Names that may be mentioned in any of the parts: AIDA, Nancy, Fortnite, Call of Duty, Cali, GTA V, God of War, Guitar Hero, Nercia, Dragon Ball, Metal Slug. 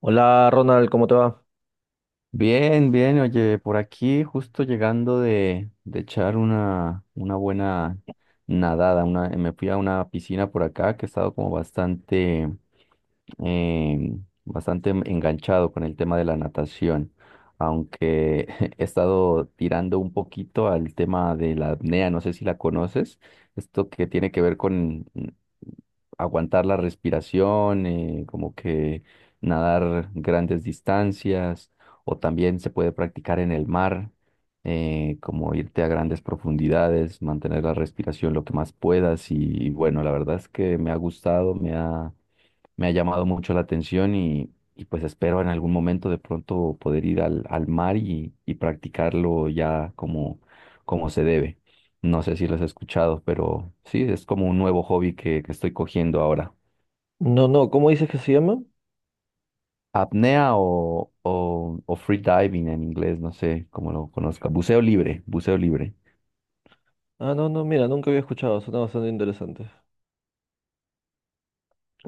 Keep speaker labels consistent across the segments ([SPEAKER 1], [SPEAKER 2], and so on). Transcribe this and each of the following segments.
[SPEAKER 1] Hola Ronald, ¿cómo te va?
[SPEAKER 2] Bien, bien, oye, por aquí justo llegando de echar una buena nadada, me fui a una piscina por acá que he estado como eh, bastante enganchado con el tema de la natación, aunque he estado tirando un poquito al tema de la apnea, no sé si la conoces, esto que tiene que ver con aguantar la respiración, como que nadar grandes distancias o también se puede practicar en el mar, como irte a grandes profundidades, mantener la respiración lo que más puedas y bueno, la verdad es que me ha gustado, me ha llamado mucho la atención pues espero en algún momento de pronto poder ir al mar y practicarlo ya como se debe. No sé si lo has escuchado, pero sí, es como un nuevo hobby que estoy cogiendo ahora.
[SPEAKER 1] No, no, ¿cómo dices que se llama?
[SPEAKER 2] Apnea o free diving en inglés, no sé cómo lo conozca. Buceo libre, buceo libre.
[SPEAKER 1] Ah, no, no, mira, nunca había escuchado. Suena bastante interesante.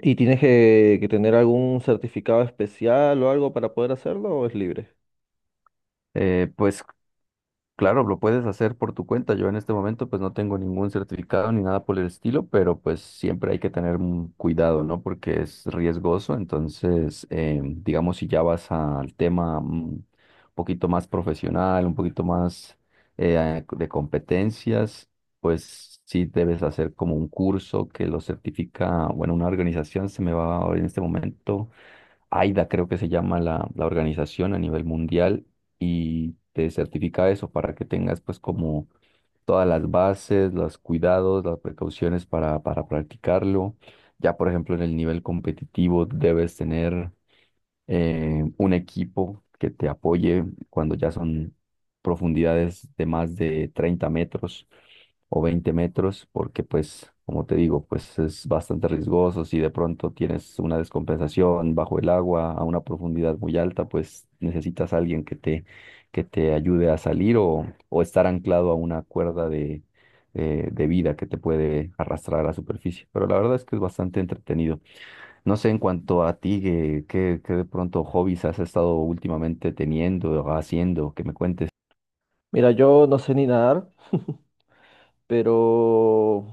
[SPEAKER 1] ¿Y tienes que tener algún certificado especial o algo para poder hacerlo o es libre?
[SPEAKER 2] Pues claro, lo puedes hacer por tu cuenta. Yo en este momento pues no tengo ningún certificado ni nada por el estilo, pero pues siempre hay que tener un cuidado, ¿no? Porque es riesgoso. Entonces, digamos, si ya vas al tema un poquito más profesional, un poquito más de competencias, pues sí debes hacer como un curso que lo certifica, bueno, una organización se me va ahora en este momento. AIDA creo que se llama la organización a nivel mundial y te certifica eso para que tengas pues como todas las bases, los cuidados, las precauciones para practicarlo. Ya por ejemplo en el nivel competitivo debes tener un equipo que te apoye cuando ya son profundidades de más de 30 metros o 20 metros, porque pues, como te digo, pues es bastante riesgoso. Si de pronto tienes una descompensación bajo el agua a una profundidad muy alta, pues necesitas a alguien que te ayude a salir o estar anclado a una cuerda de vida que te puede arrastrar a la superficie, pero la verdad es que es bastante entretenido. No sé, en cuanto a ti, ¿qué de pronto hobbies has estado últimamente teniendo o haciendo? Que me cuentes.
[SPEAKER 1] Mira, yo no sé ni nadar, pero,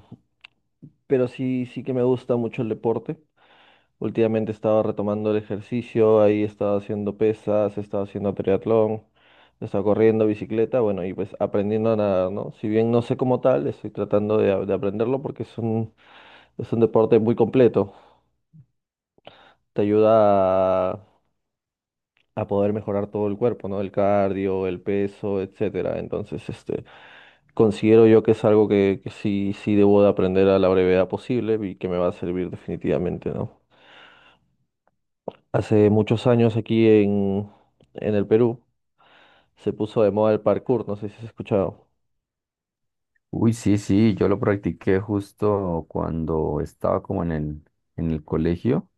[SPEAKER 1] pero sí, sí que me gusta mucho el deporte. Últimamente he estado retomando el ejercicio, ahí he estado haciendo pesas, he estado haciendo triatlón, he estado corriendo, bicicleta, bueno, y pues aprendiendo a nadar, ¿no? Si bien no sé cómo tal, estoy tratando de aprenderlo porque es un deporte muy completo. Te ayuda a, a poder mejorar todo el cuerpo, ¿no? El cardio, el peso, etcétera. Entonces, este, considero yo que es algo que sí, sí debo de aprender a la brevedad posible y que me va a servir definitivamente, ¿no? Hace muchos años en el Perú se puso de moda el parkour, no sé si has escuchado.
[SPEAKER 2] Uy, sí, sí, yo lo practiqué justo cuando estaba como en el colegio.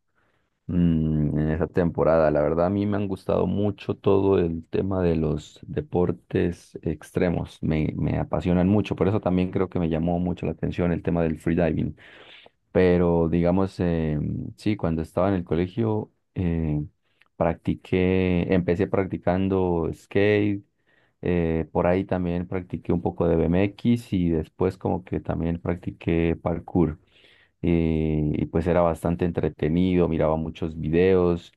[SPEAKER 2] En esa temporada. La verdad, a mí me han gustado mucho todo el tema de los deportes extremos. Me apasionan mucho. Por eso también creo que me llamó mucho la atención el tema del freediving. Pero digamos, sí, cuando estaba en el colegio, empecé practicando skate. Por ahí también practiqué un poco de BMX y después como que también practiqué parkour y pues era bastante entretenido, miraba muchos videos,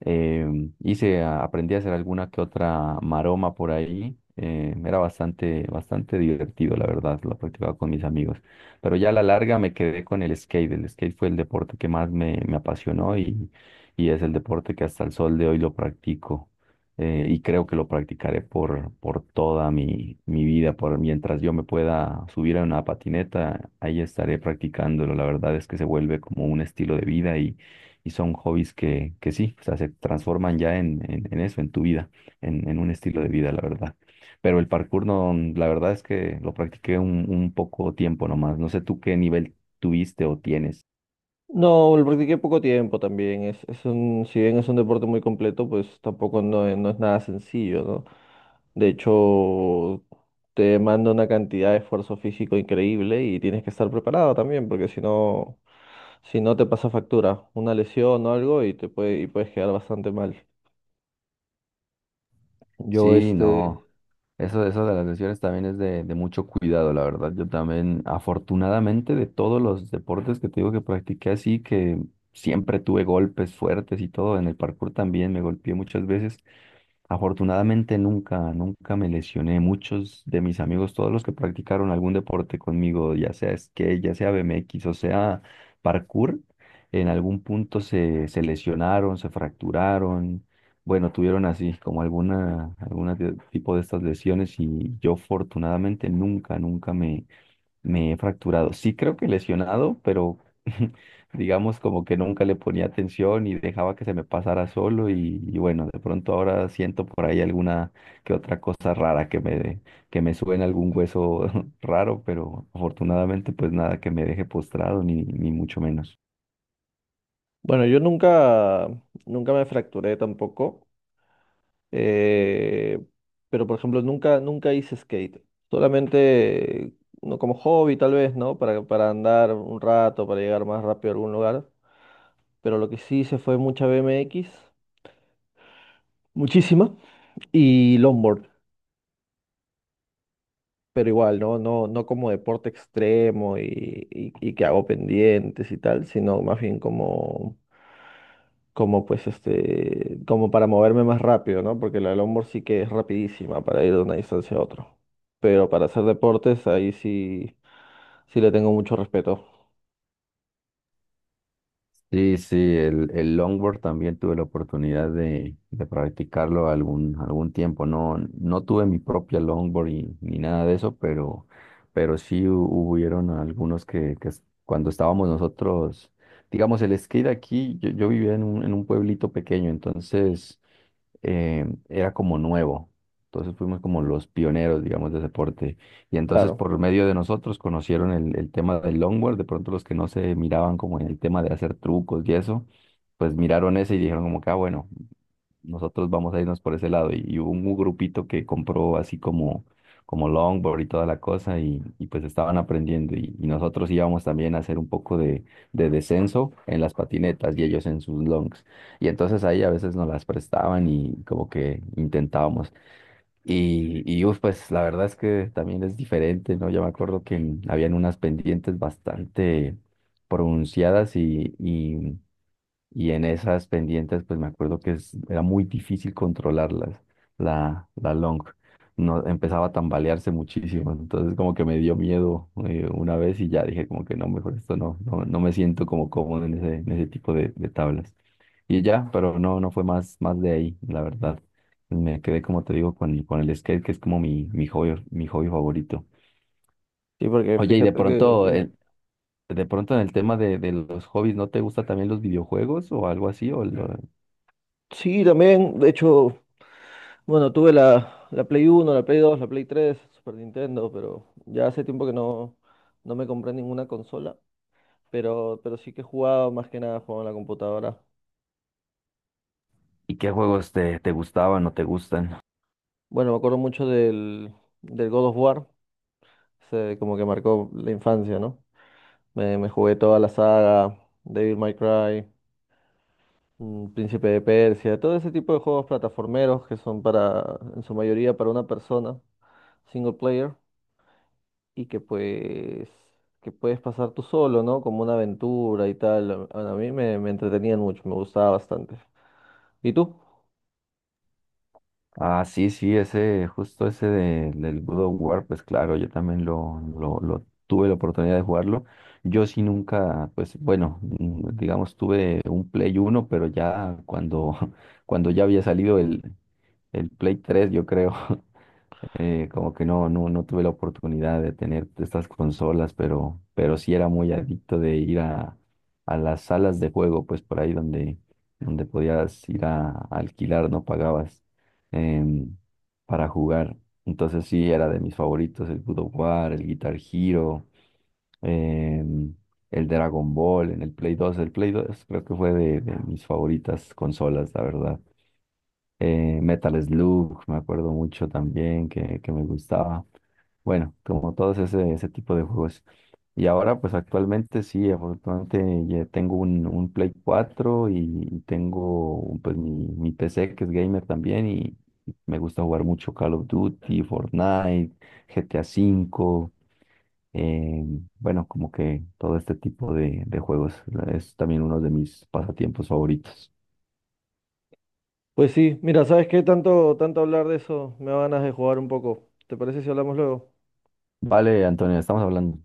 [SPEAKER 2] eh, aprendí a hacer alguna que otra maroma por ahí, era bastante, bastante divertido, la verdad, lo practicaba con mis amigos, pero ya a la larga me quedé con el skate fue el deporte que más me apasionó y es el deporte que hasta el sol de hoy lo practico y creo que lo practicaré por toda mi vida, por mientras yo me pueda subir a una patineta, ahí estaré practicándolo. La verdad es que se vuelve como un estilo de vida y son hobbies que sí, o sea, se transforman ya en eso, en tu vida, en un estilo de vida, la verdad. Pero el parkour no, la verdad es que lo practiqué un poco tiempo nomás. No sé tú qué nivel tuviste o tienes.
[SPEAKER 1] No, lo practiqué poco tiempo también. Es un, si bien es un deporte muy completo, pues tampoco no, no es nada sencillo, ¿no? De hecho, te demanda una cantidad de esfuerzo físico increíble y tienes que estar preparado también, porque si no te pasa factura, una lesión o algo y y puedes quedar bastante mal. Yo
[SPEAKER 2] Sí,
[SPEAKER 1] este,
[SPEAKER 2] no. Eso de las lesiones también es de mucho cuidado, la verdad. Yo también, afortunadamente, de todos los deportes que te digo que practiqué así, que siempre tuve golpes fuertes y todo, en el parkour también me golpeé muchas veces. Afortunadamente nunca, nunca me lesioné. Muchos de mis amigos, todos los que practicaron algún deporte conmigo, ya sea skate, ya sea BMX o sea parkour, en algún punto se lesionaron, se fracturaron. Bueno, tuvieron así como alguna tipo de estas lesiones y yo afortunadamente nunca, nunca me he fracturado. Sí creo que lesionado, pero digamos como que nunca le ponía atención y dejaba que se me pasara solo y bueno, de pronto ahora siento por ahí alguna que otra cosa rara que me suena algún hueso raro, pero afortunadamente pues nada que me deje postrado ni mucho menos.
[SPEAKER 1] bueno, yo nunca, nunca me fracturé tampoco. Eh, pero, por ejemplo, nunca hice skate. Solamente no como hobby, tal vez, ¿no? Para andar un rato, para llegar más rápido a algún lugar. Pero lo que sí hice fue mucha BMX, muchísima, y longboard. Pero igual, ¿no? No, no como deporte extremo y que hago pendientes y tal, sino más bien como como para moverme más rápido, ¿no? Porque la longboard sí que es rapidísima para ir de una distancia a otra. Pero para hacer deportes, ahí sí, sí le tengo mucho respeto.
[SPEAKER 2] Sí, sí, el longboard también tuve la oportunidad de practicarlo algún tiempo. No, no tuve mi propia longboard ni nada de eso, pero sí hubieron algunos que cuando estábamos nosotros, digamos, el skate aquí, yo vivía en un pueblito pequeño, entonces era como nuevo. Entonces fuimos como los pioneros, digamos, del deporte. Y entonces
[SPEAKER 1] Claro.
[SPEAKER 2] por medio de nosotros conocieron el tema del longboard. De pronto los que no se miraban como en el tema de hacer trucos y eso, pues miraron ese y dijeron como que, ah, bueno, nosotros vamos a irnos por ese lado. Y hubo un grupito que compró así como longboard y toda la cosa y pues estaban aprendiendo. Y nosotros íbamos también a hacer un poco de descenso en las patinetas y ellos en sus longs. Y entonces ahí a veces nos las prestaban y como que intentábamos. Y uf, pues la verdad es que también es diferente, ¿no? Yo me acuerdo que habían unas pendientes bastante pronunciadas y en esas pendientes, pues me acuerdo que era muy difícil controlarlas, la long. No, empezaba a tambalearse muchísimo, entonces como que me dio miedo una vez y ya dije como que no, mejor esto no, no, no me siento como cómodo en en ese tipo de tablas. Y ya, pero no, no fue más, más de ahí, la verdad. Me quedé, como te digo, con el skate, que es como mi hobby, mi hobby favorito.
[SPEAKER 1] Sí, porque
[SPEAKER 2] Oye, y de
[SPEAKER 1] fíjate que,
[SPEAKER 2] pronto,
[SPEAKER 1] dime.
[SPEAKER 2] de pronto en el tema de los hobbies, ¿no te gusta también los videojuegos o algo así?
[SPEAKER 1] Sí, también, de hecho, bueno, tuve la Play 1, la Play 2, la Play 3, Super Nintendo, pero ya hace tiempo que no me compré ninguna consola. Pero sí que he jugado, más que nada jugaba en la computadora.
[SPEAKER 2] ¿Y qué juegos te gustaban o te gustan?
[SPEAKER 1] Bueno, me acuerdo mucho del, del God of War. Se como que marcó la infancia, ¿no? Me jugué toda la saga, Devil May Cry, Príncipe de Persia, todo ese tipo de juegos plataformeros que son para, en su mayoría, para una persona, single player, y que puedes pasar tú solo, ¿no? Como una aventura y tal. Bueno, a mí me entretenían mucho, me gustaba bastante. ¿Y tú?
[SPEAKER 2] Ah, sí, sí, ese, justo ese del God of War, pues claro, yo también lo tuve la oportunidad de jugarlo. Yo sí nunca, pues bueno, digamos, tuve un Play 1 pero ya cuando, cuando ya había salido el Play 3 yo creo. Como que no, no, no tuve la oportunidad de tener estas consolas, pero sí era muy adicto de ir a las salas de juego, pues por ahí donde podías ir a alquilar, no pagabas em, para jugar. Entonces sí, era de mis favoritos, el God of War, el Guitar Hero, em, el Dragon Ball en el Play 2. El Play 2 creo que fue de mis favoritas consolas, la verdad. Metal Slug, me acuerdo mucho también que me gustaba. Bueno, como todos ese, ese tipo de juegos. Y ahora, pues actualmente sí, afortunadamente ya tengo un Play 4 y tengo pues mi PC que es gamer también y me gusta jugar mucho Call of Duty, Fortnite, GTA V, eh, bueno, como que todo este tipo de juegos es también uno de mis pasatiempos favoritos.
[SPEAKER 1] Pues sí, mira, ¿sabes qué? Tanto, tanto hablar de eso, me da ganas de jugar un poco. ¿Te parece si hablamos luego?
[SPEAKER 2] Vale, Antonio, estamos hablando.